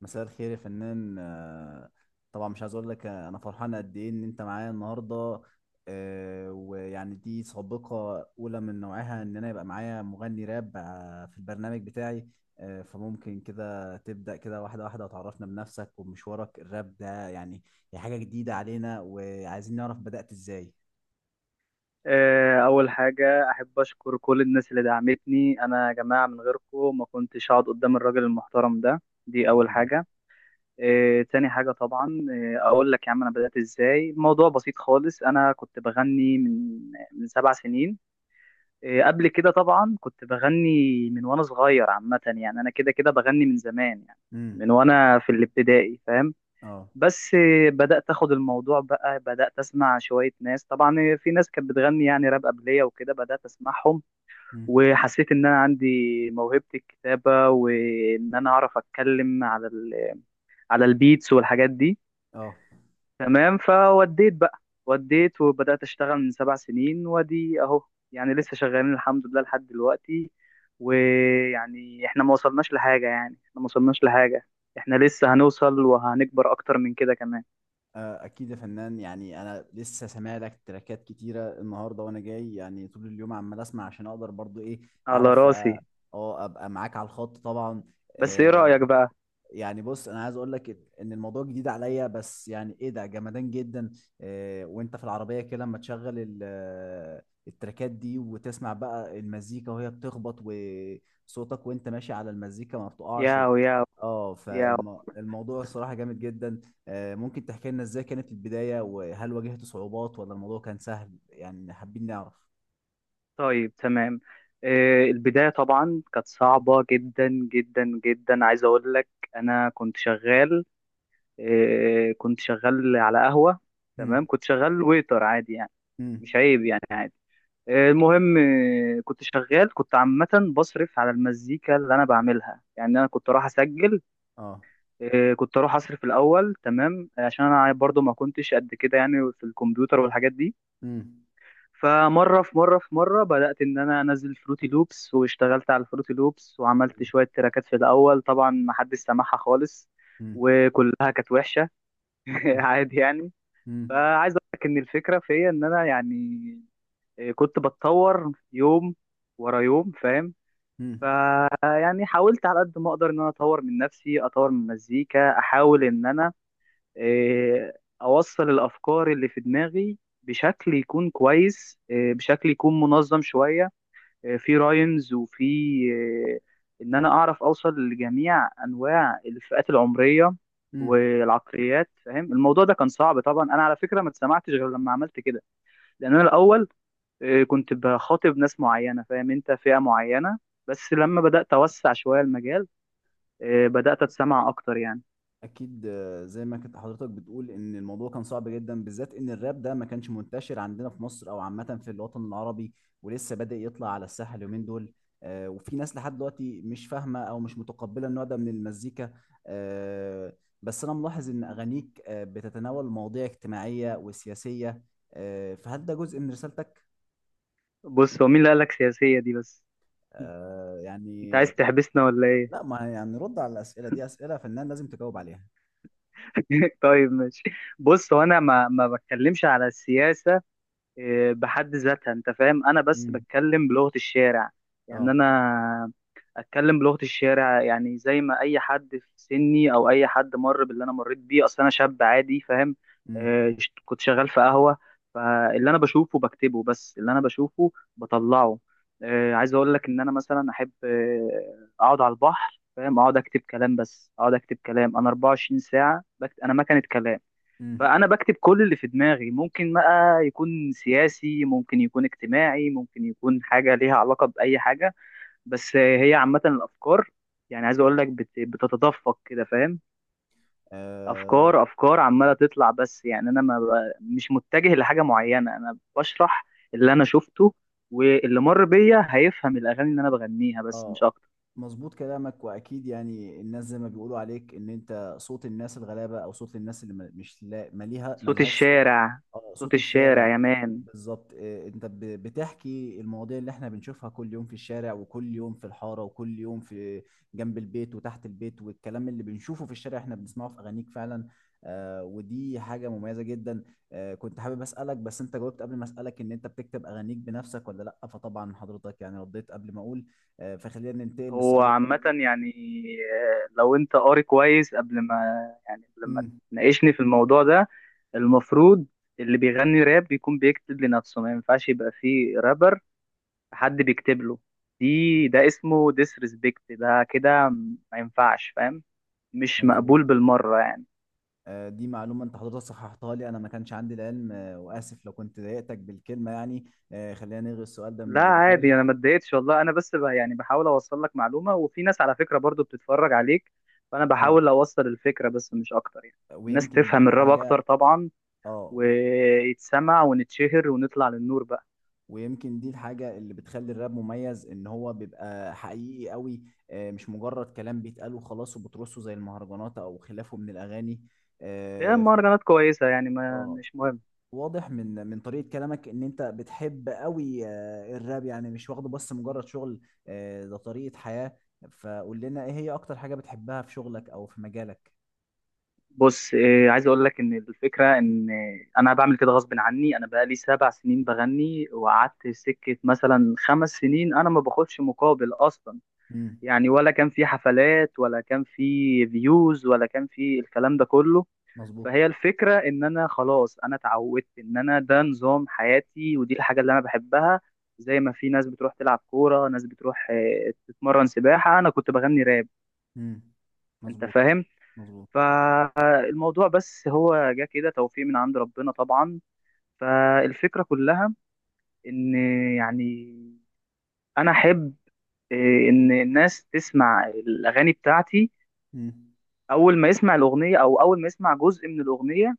مساء الخير يا فنان. طبعا مش عايز اقول لك انا فرحان قد ايه ان انت معايا النهارده. ويعني دي سابقه اولى من نوعها ان انا يبقى معايا مغني راب في البرنامج بتاعي. فممكن كده تبدا كده واحده واحده وتعرفنا بنفسك ومشوارك الراب ده. يعني هي حاجه جديده علينا وعايزين نعرف بدات ازاي؟ أول حاجة أحب أشكر كل الناس اللي دعمتني، أنا يا جماعة من غيركم ما كنتش هقعد قدام الراجل المحترم ده. دي أول حبيبي. حاجة. تاني حاجة طبعا، أقول لك يا عم. أنا بدأت إزاي؟ الموضوع بسيط خالص. أنا كنت بغني من سبع سنين. قبل كده طبعا كنت بغني من وأنا صغير، عامة يعني أنا كده كده بغني من زمان يعني، امم. من وأنا في الابتدائي، فاهم. اه. بس بدأت أخد الموضوع بقى، بدأت أسمع شوية ناس، طبعا في ناس كانت بتغني يعني راب قبلية وكده، بدأت أسمعهم. امم. وحسيت إن أنا عندي موهبة الكتابة، وإن أنا أعرف أتكلم على على البيتس والحاجات دي. اه. تمام. فوديت بقى، وديت وبدأت أشتغل من سبع سنين وأدي أهو. يعني لسه شغالين الحمد لله لحد دلوقتي. ويعني إحنا ما وصلناش لحاجة، يعني إحنا ما وصلناش لحاجة، إحنا لسه هنوصل وهنكبر أكتر من كده كمان. اكيد يا فنان. يعني انا لسه سامع لك تراكات كتيره النهارده وانا جاي يعني طول اليوم عمال اسمع عشان اقدر برضو ايه على اعرف. اه. راسي. ابقى معاك على الخط طبعا. بس ايه آه، رأيك بقى؟ يعني بص انا عايز اقول لك ان الموضوع جديد عليا، بس يعني ايه ده جمدان جدا. إيه وانت في العربيه كده لما تشغل التراكات دي وتسمع بقى المزيكا وهي بتخبط وصوتك وانت ماشي على المزيكا ما بتقعش و. ياو، ياو، اه. ياو. فالموضوع الصراحه جامد جدا. ممكن تحكي لنا ازاي كانت البدايه، وهل واجهت صعوبات ولا الموضوع كان سهل؟ يعني حابين نعرف. طيب تمام. البداية طبعا كانت صعبة جدا جدا جدا، عايز اقول لك. انا كنت شغال، كنت شغال على قهوة. تمام، مم. كنت شغال ويتر عادي يعني. مش مم. عيب يعني، عادي. المهم، كنت شغال كنت عامة بصرف على المزيكا اللي أنا بعملها، يعني أنا كنت أروح أسجل. اه. كنت أروح أصرف الأول تمام، عشان أنا برضو ما كنتش قد كده يعني في الكمبيوتر والحاجات دي. مم. فمره في مره في مره بدات ان انا انزل فروتي لوبس، واشتغلت على الفروتي لوبس وعملت مم. شويه تراكات في الاول، طبعا ما حدش سمعها خالص. وكلها كانت وحشه. مم. عادي يعني. مم. فعايز اقول لك ان الفكره فيا ان انا يعني، كنت بتطور يوم ورا يوم، فاهم. مم. فيعني حاولت على قد ما اقدر ان انا اطور من نفسي، اطور من المزيكا، احاول ان انا اوصل الافكار اللي في دماغي بشكل يكون كويس، بشكل يكون منظم شويه، في راينز وفي آه، ان انا اعرف اوصل لجميع انواع الفئات العمريه مم. والعقليات، فاهم. الموضوع ده كان صعب طبعا، انا على فكره ما اتسمعتش غير لما عملت كده. لان انا الاول كنت بخاطب ناس معينه، فاهم انت، فئه معينه. بس لما بدات اوسع شويه المجال، بدات اتسمع اكتر يعني. اكيد. زي ما كنت حضرتك بتقول ان الموضوع كان صعب جدا، بالذات ان الراب ده ما كانش منتشر عندنا في مصر او عامه في الوطن العربي، ولسه بادئ يطلع على الساحه اليومين دول. وفي ناس لحد دلوقتي مش فاهمه او مش متقبله النوع ده من المزيكا. آه، بس انا ملاحظ ان اغانيك بتتناول مواضيع اجتماعيه وسياسيه. فهل ده جزء من رسالتك؟ بص، هو مين اللي قالك سياسيه دي بس؟ انت يعني. عايز تحبسنا ولا ايه؟ لا. ما يعني رد على الاسئله دي، اسئله فنان لازم تجاوب عليها. طيب ماشي. بص، هو انا ما بتكلمش على السياسه بحد ذاتها، انت فاهم. انا بس امم. بتكلم بلغة الشارع، يعني اه. انا اتكلم بلغة الشارع، يعني زي ما اي حد في سني او اي حد مر باللي انا مريت بيه. اصل انا شاب عادي، فاهم. امم. كنت شغال في قهوة. فاللي انا بشوفه بكتبه، بس اللي انا بشوفه بطلعه. عايز اقول لك ان انا مثلا احب اقعد على البحر، فاهم، اقعد اكتب كلام، بس اقعد اكتب كلام. انا 24 ساعة بكتب، انا مكنة كلام. فانا بكتب كل اللي في دماغي، ممكن بقى يكون سياسي، ممكن يكون اجتماعي، ممكن يكون حاجه ليها علاقه باي حاجه. بس هي عامه الافكار، يعني عايز اقول لك بتتدفق كده، فاهم. امم. افكار افكار عماله تطلع، بس يعني انا ما ب- مش متجه لحاجه معينه، انا بشرح اللي انا شفته. واللي مر بيا هيفهم الاغاني اللي انا بغنيها، بس اه. مش اكتر. مظبوط كلامك. واكيد يعني الناس زي ما بيقولوا عليك ان انت صوت الناس الغلابه، او صوت الناس اللي م- مش لا مليها صوت ملهاش صوت. الشارع. اه، صوت صوت الشارع الشارع. يا مان. بالظبط. انت بتحكي المواضيع اللي احنا بنشوفها كل يوم في الشارع، وكل يوم في الحاره، وكل يوم في جنب البيت وتحت البيت، والكلام اللي بنشوفه في الشارع احنا بنسمعه في اغانيك فعلا. ودي حاجه مميزه جدا. كنت حابب اسالك، بس انت جاوبت قبل ما اسالك ان انت بتكتب اغانيك بنفسك ولا لا. فطبعا حضرتك يعني رديت قبل ما اقول. فخلينا ننتقل هو للسؤال اللي. عامة يعني، لو انت قاري كويس قبل ما امم. تناقشني في الموضوع ده. المفروض اللي بيغني راب بيكون بيكتب لنفسه، ما ينفعش يبقى فيه رابر حد بيكتب له. ده اسمه ديسريسبكت ده كده، ما ينفعش فاهم، مش مظبوط. مقبول بالمرة يعني. دي معلومة انت حضرتك صححتها لي، انا ما كانش عندي العلم. واسف لو كنت ضايقتك بالكلمة يعني. خلينا نلغي السؤال ده من لا الانتاج. عادي، انا ما اتضايقتش والله. انا بس بقى يعني بحاول اوصل لك معلومة، وفي ناس على فكرة برضو بتتفرج عليك، فانا اه. بحاول اوصل الفكرة بس مش اكتر يعني. الناس ويمكن دي تفهم الراب الحاجة. اكتر طبعا، اه. ويتسمع ونتشهر ونطلع للنور بقى. ويمكن دي الحاجة اللي بتخلي الراب مميز ان هو بيبقى حقيقي قوي. مش مجرد كلام بيتقال وخلاص وبترصه زي المهرجانات او خلافه من الاغاني. هي آه، مهرجانات كويسة يعني، ما اه. مش مهم. واضح من طريقة كلامك ان انت بتحب قوي الراب. يعني مش واخده بس مجرد شغل. ده طريقة حياة. فقول لنا ايه هي اكتر حاجة بتحبها في شغلك او في مجالك؟ بص عايز اقول لك. ان الفكرة ان انا بعمل كده غصب عني، انا بقالي سبع سنين بغني، وقعدت سكة مثلا خمس سنين انا ما باخدش مقابل اصلا. امم. يعني ولا كان في حفلات ولا كان في فيوز ولا كان في الكلام ده كله. مظبوط. فهي الفكرة ان انا خلاص، انا اتعودت ان انا ده نظام حياتي ودي الحاجة اللي انا بحبها. زي ما في ناس بتروح تلعب كورة، ناس بتروح تتمرن سباحة، انا كنت بغني راب. امم. انت مظبوط. فاهم. مظبوط. فالموضوع بس هو جه كده توفيق من عند ربنا طبعا. فالفكرة كلها، ان يعني انا احب آه، ان الناس تسمع الاغاني بتاعتي. امم. اول ما يسمع الاغنية، او اول ما يسمع جزء من الاغنية،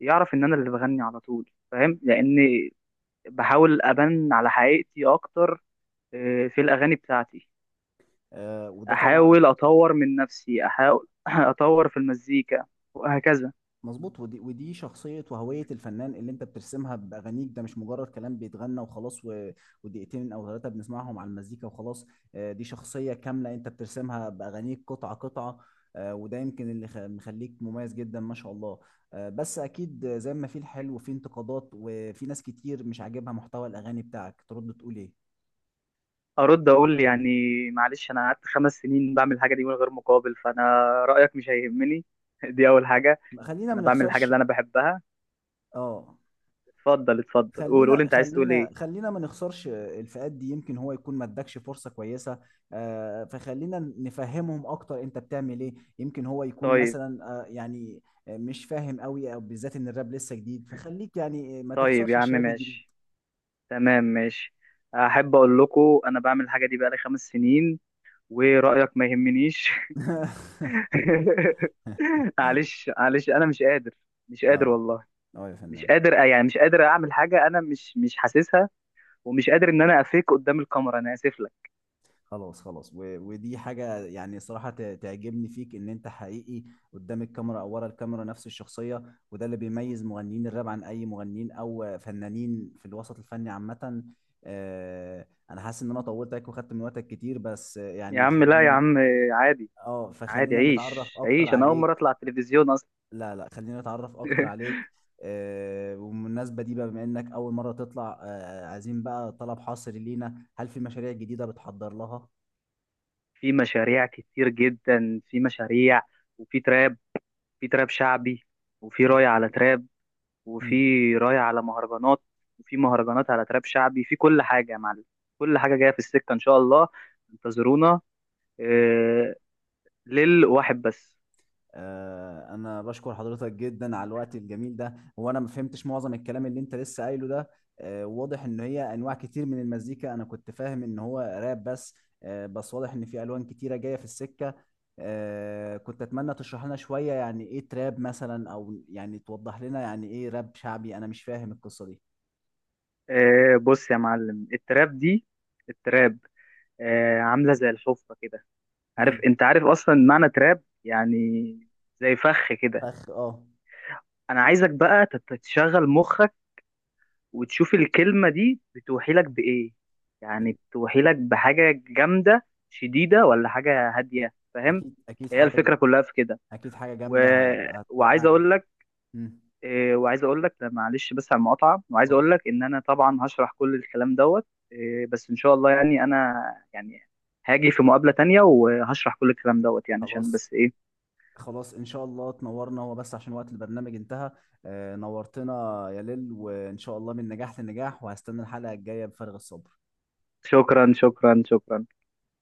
يعرف ان انا اللي بغني على طول، فاهم، لان بحاول ابان على حقيقتي اكتر في الاغاني بتاعتي. وده طبعا. احاول اطور من نفسي، احاول اطور في المزيكا، وهكذا. مظبوط. ودي شخصية وهوية الفنان اللي انت بترسمها بأغانيك، ده مش مجرد كلام بيتغنى وخلاص و. ودقيقتين او ثلاثة بنسمعهم على المزيكا وخلاص. دي شخصية كاملة انت بترسمها بأغانيك قطعة قطعة. وده يمكن اللي مخليك مميز جدا ما شاء الله. بس اكيد زي ما في الحلو وفي انتقادات وفي ناس كتير مش عاجبها محتوى الأغاني بتاعك. ترد تقول ايه؟ ارد اقول يعني، معلش انا قعدت خمس سنين بعمل الحاجه دي من غير مقابل، فانا رايك مش هيهمني. دي اول حاجه. خلينا ما انا بعمل الحاجه نخسرش. اللي انا بحبها. اه. اتفضل اتفضل، قول قول، خلينا انت عايز تقول ايه. خلينا خلينا ما نخسرش الفئات دي، يمكن هو يكون ما ادكش فرصة كويسة. فخلينا نفهمهم اكتر انت بتعمل ايه. يمكن هو يكون طيب مثلا، يعني مش فاهم قوي، او بالذات ان الراب لسه جديد، فخليك يعني ما طيب تخسرش يا عم، الشباب الجديد. ماشي. تمام ماشي. احب اقول لكم انا بعمل الحاجه دي بقالي خمس سنين، ورايك ما يهمنيش. معلش معلش، انا مش قادر، مش قادر اه. والله. اه يا مش فنان. قادر يعني مش قادر اعمل حاجه انا مش حاسسها، ومش قادر ان انا افيك قدام الكاميرا، انا اسف لك. خلاص، خلاص و. ودي حاجة يعني صراحة تعجبني فيك ان انت حقيقي قدام الكاميرا او ورا الكاميرا، نفس الشخصية. وده اللي بيميز مغنيين الراب عن اي مغنيين او فنانين في الوسط الفني عامة. انا حاسس ان انا طولت عليك وخدت من وقتك كتير، بس يا يعني عم لا، يا خلينا. عم عادي اه. عادي، فخلينا نتعرف عيش اكتر عيش، انا اول مره عليك. اطلع التلفزيون اصلا. لا، لا، خلينا نتعرف اكتر عليك. وبالمناسبة دي بقى، بما انك اول مرة تطلع، عايزين بقى طلب حصري لينا. هل في مشاريع جديدة بتحضر في مشاريع كتير جدا، في مشاريع، وفي تراب، في تراب شعبي، وفي لها؟ راي على تراب، وفي راي على مهرجانات، وفي مهرجانات على تراب شعبي، في كل حاجه يا معلم، كل حاجه جايه في السكه ان شاء الله. انتظرونا. آه، للواحد بس. انا بشكر حضرتك جدا على الوقت الجميل ده. هو انا ما فهمتش معظم الكلام اللي انت لسه قايله ده. واضح ان هي انواع كتير من المزيكا، انا كنت فاهم ان هو راب بس. بس واضح ان في الوان كتيره جايه في السكه. كنت اتمنى تشرح لنا شويه يعني ايه تراب مثلا، او يعني توضح لنا يعني ايه راب شعبي. انا مش فاهم القصه دي. بص يا معلم، التراب عاملة زي الحفرة كده. عارف، امم. انت عارف اصلا معنى تراب يعني، زي فخ كده. فخ. اه. انا عايزك بقى تشغل مخك، وتشوف الكلمة دي بتوحي لك بإيه. يعني بتوحي لك بحاجة جامدة شديدة ولا حاجة هادية، فاهم. اكيد، اكيد هي حاجه. الفكرة كلها في كده. اكيد حاجه و... جامده وعايز هتوقع. اقول لك، امم. وعايز اقول لك معلش بس على المقاطعه، وعايز اتفضل. اقول لك ان انا طبعا هشرح كل الكلام دوت. بس ان شاء الله يعني انا، يعني هاجي في مقابله تانية وهشرح كل الكلام دوت يعني، عشان خلاص، بس ايه. خلاص. ان شاء الله تنورنا، هو بس عشان وقت البرنامج انتهى. نورتنا يا ليل، وان شاء الله من نجاح لنجاح، وهستنى الحلقة الجاية بفارغ الصبر. شكرا شكرا شكرا.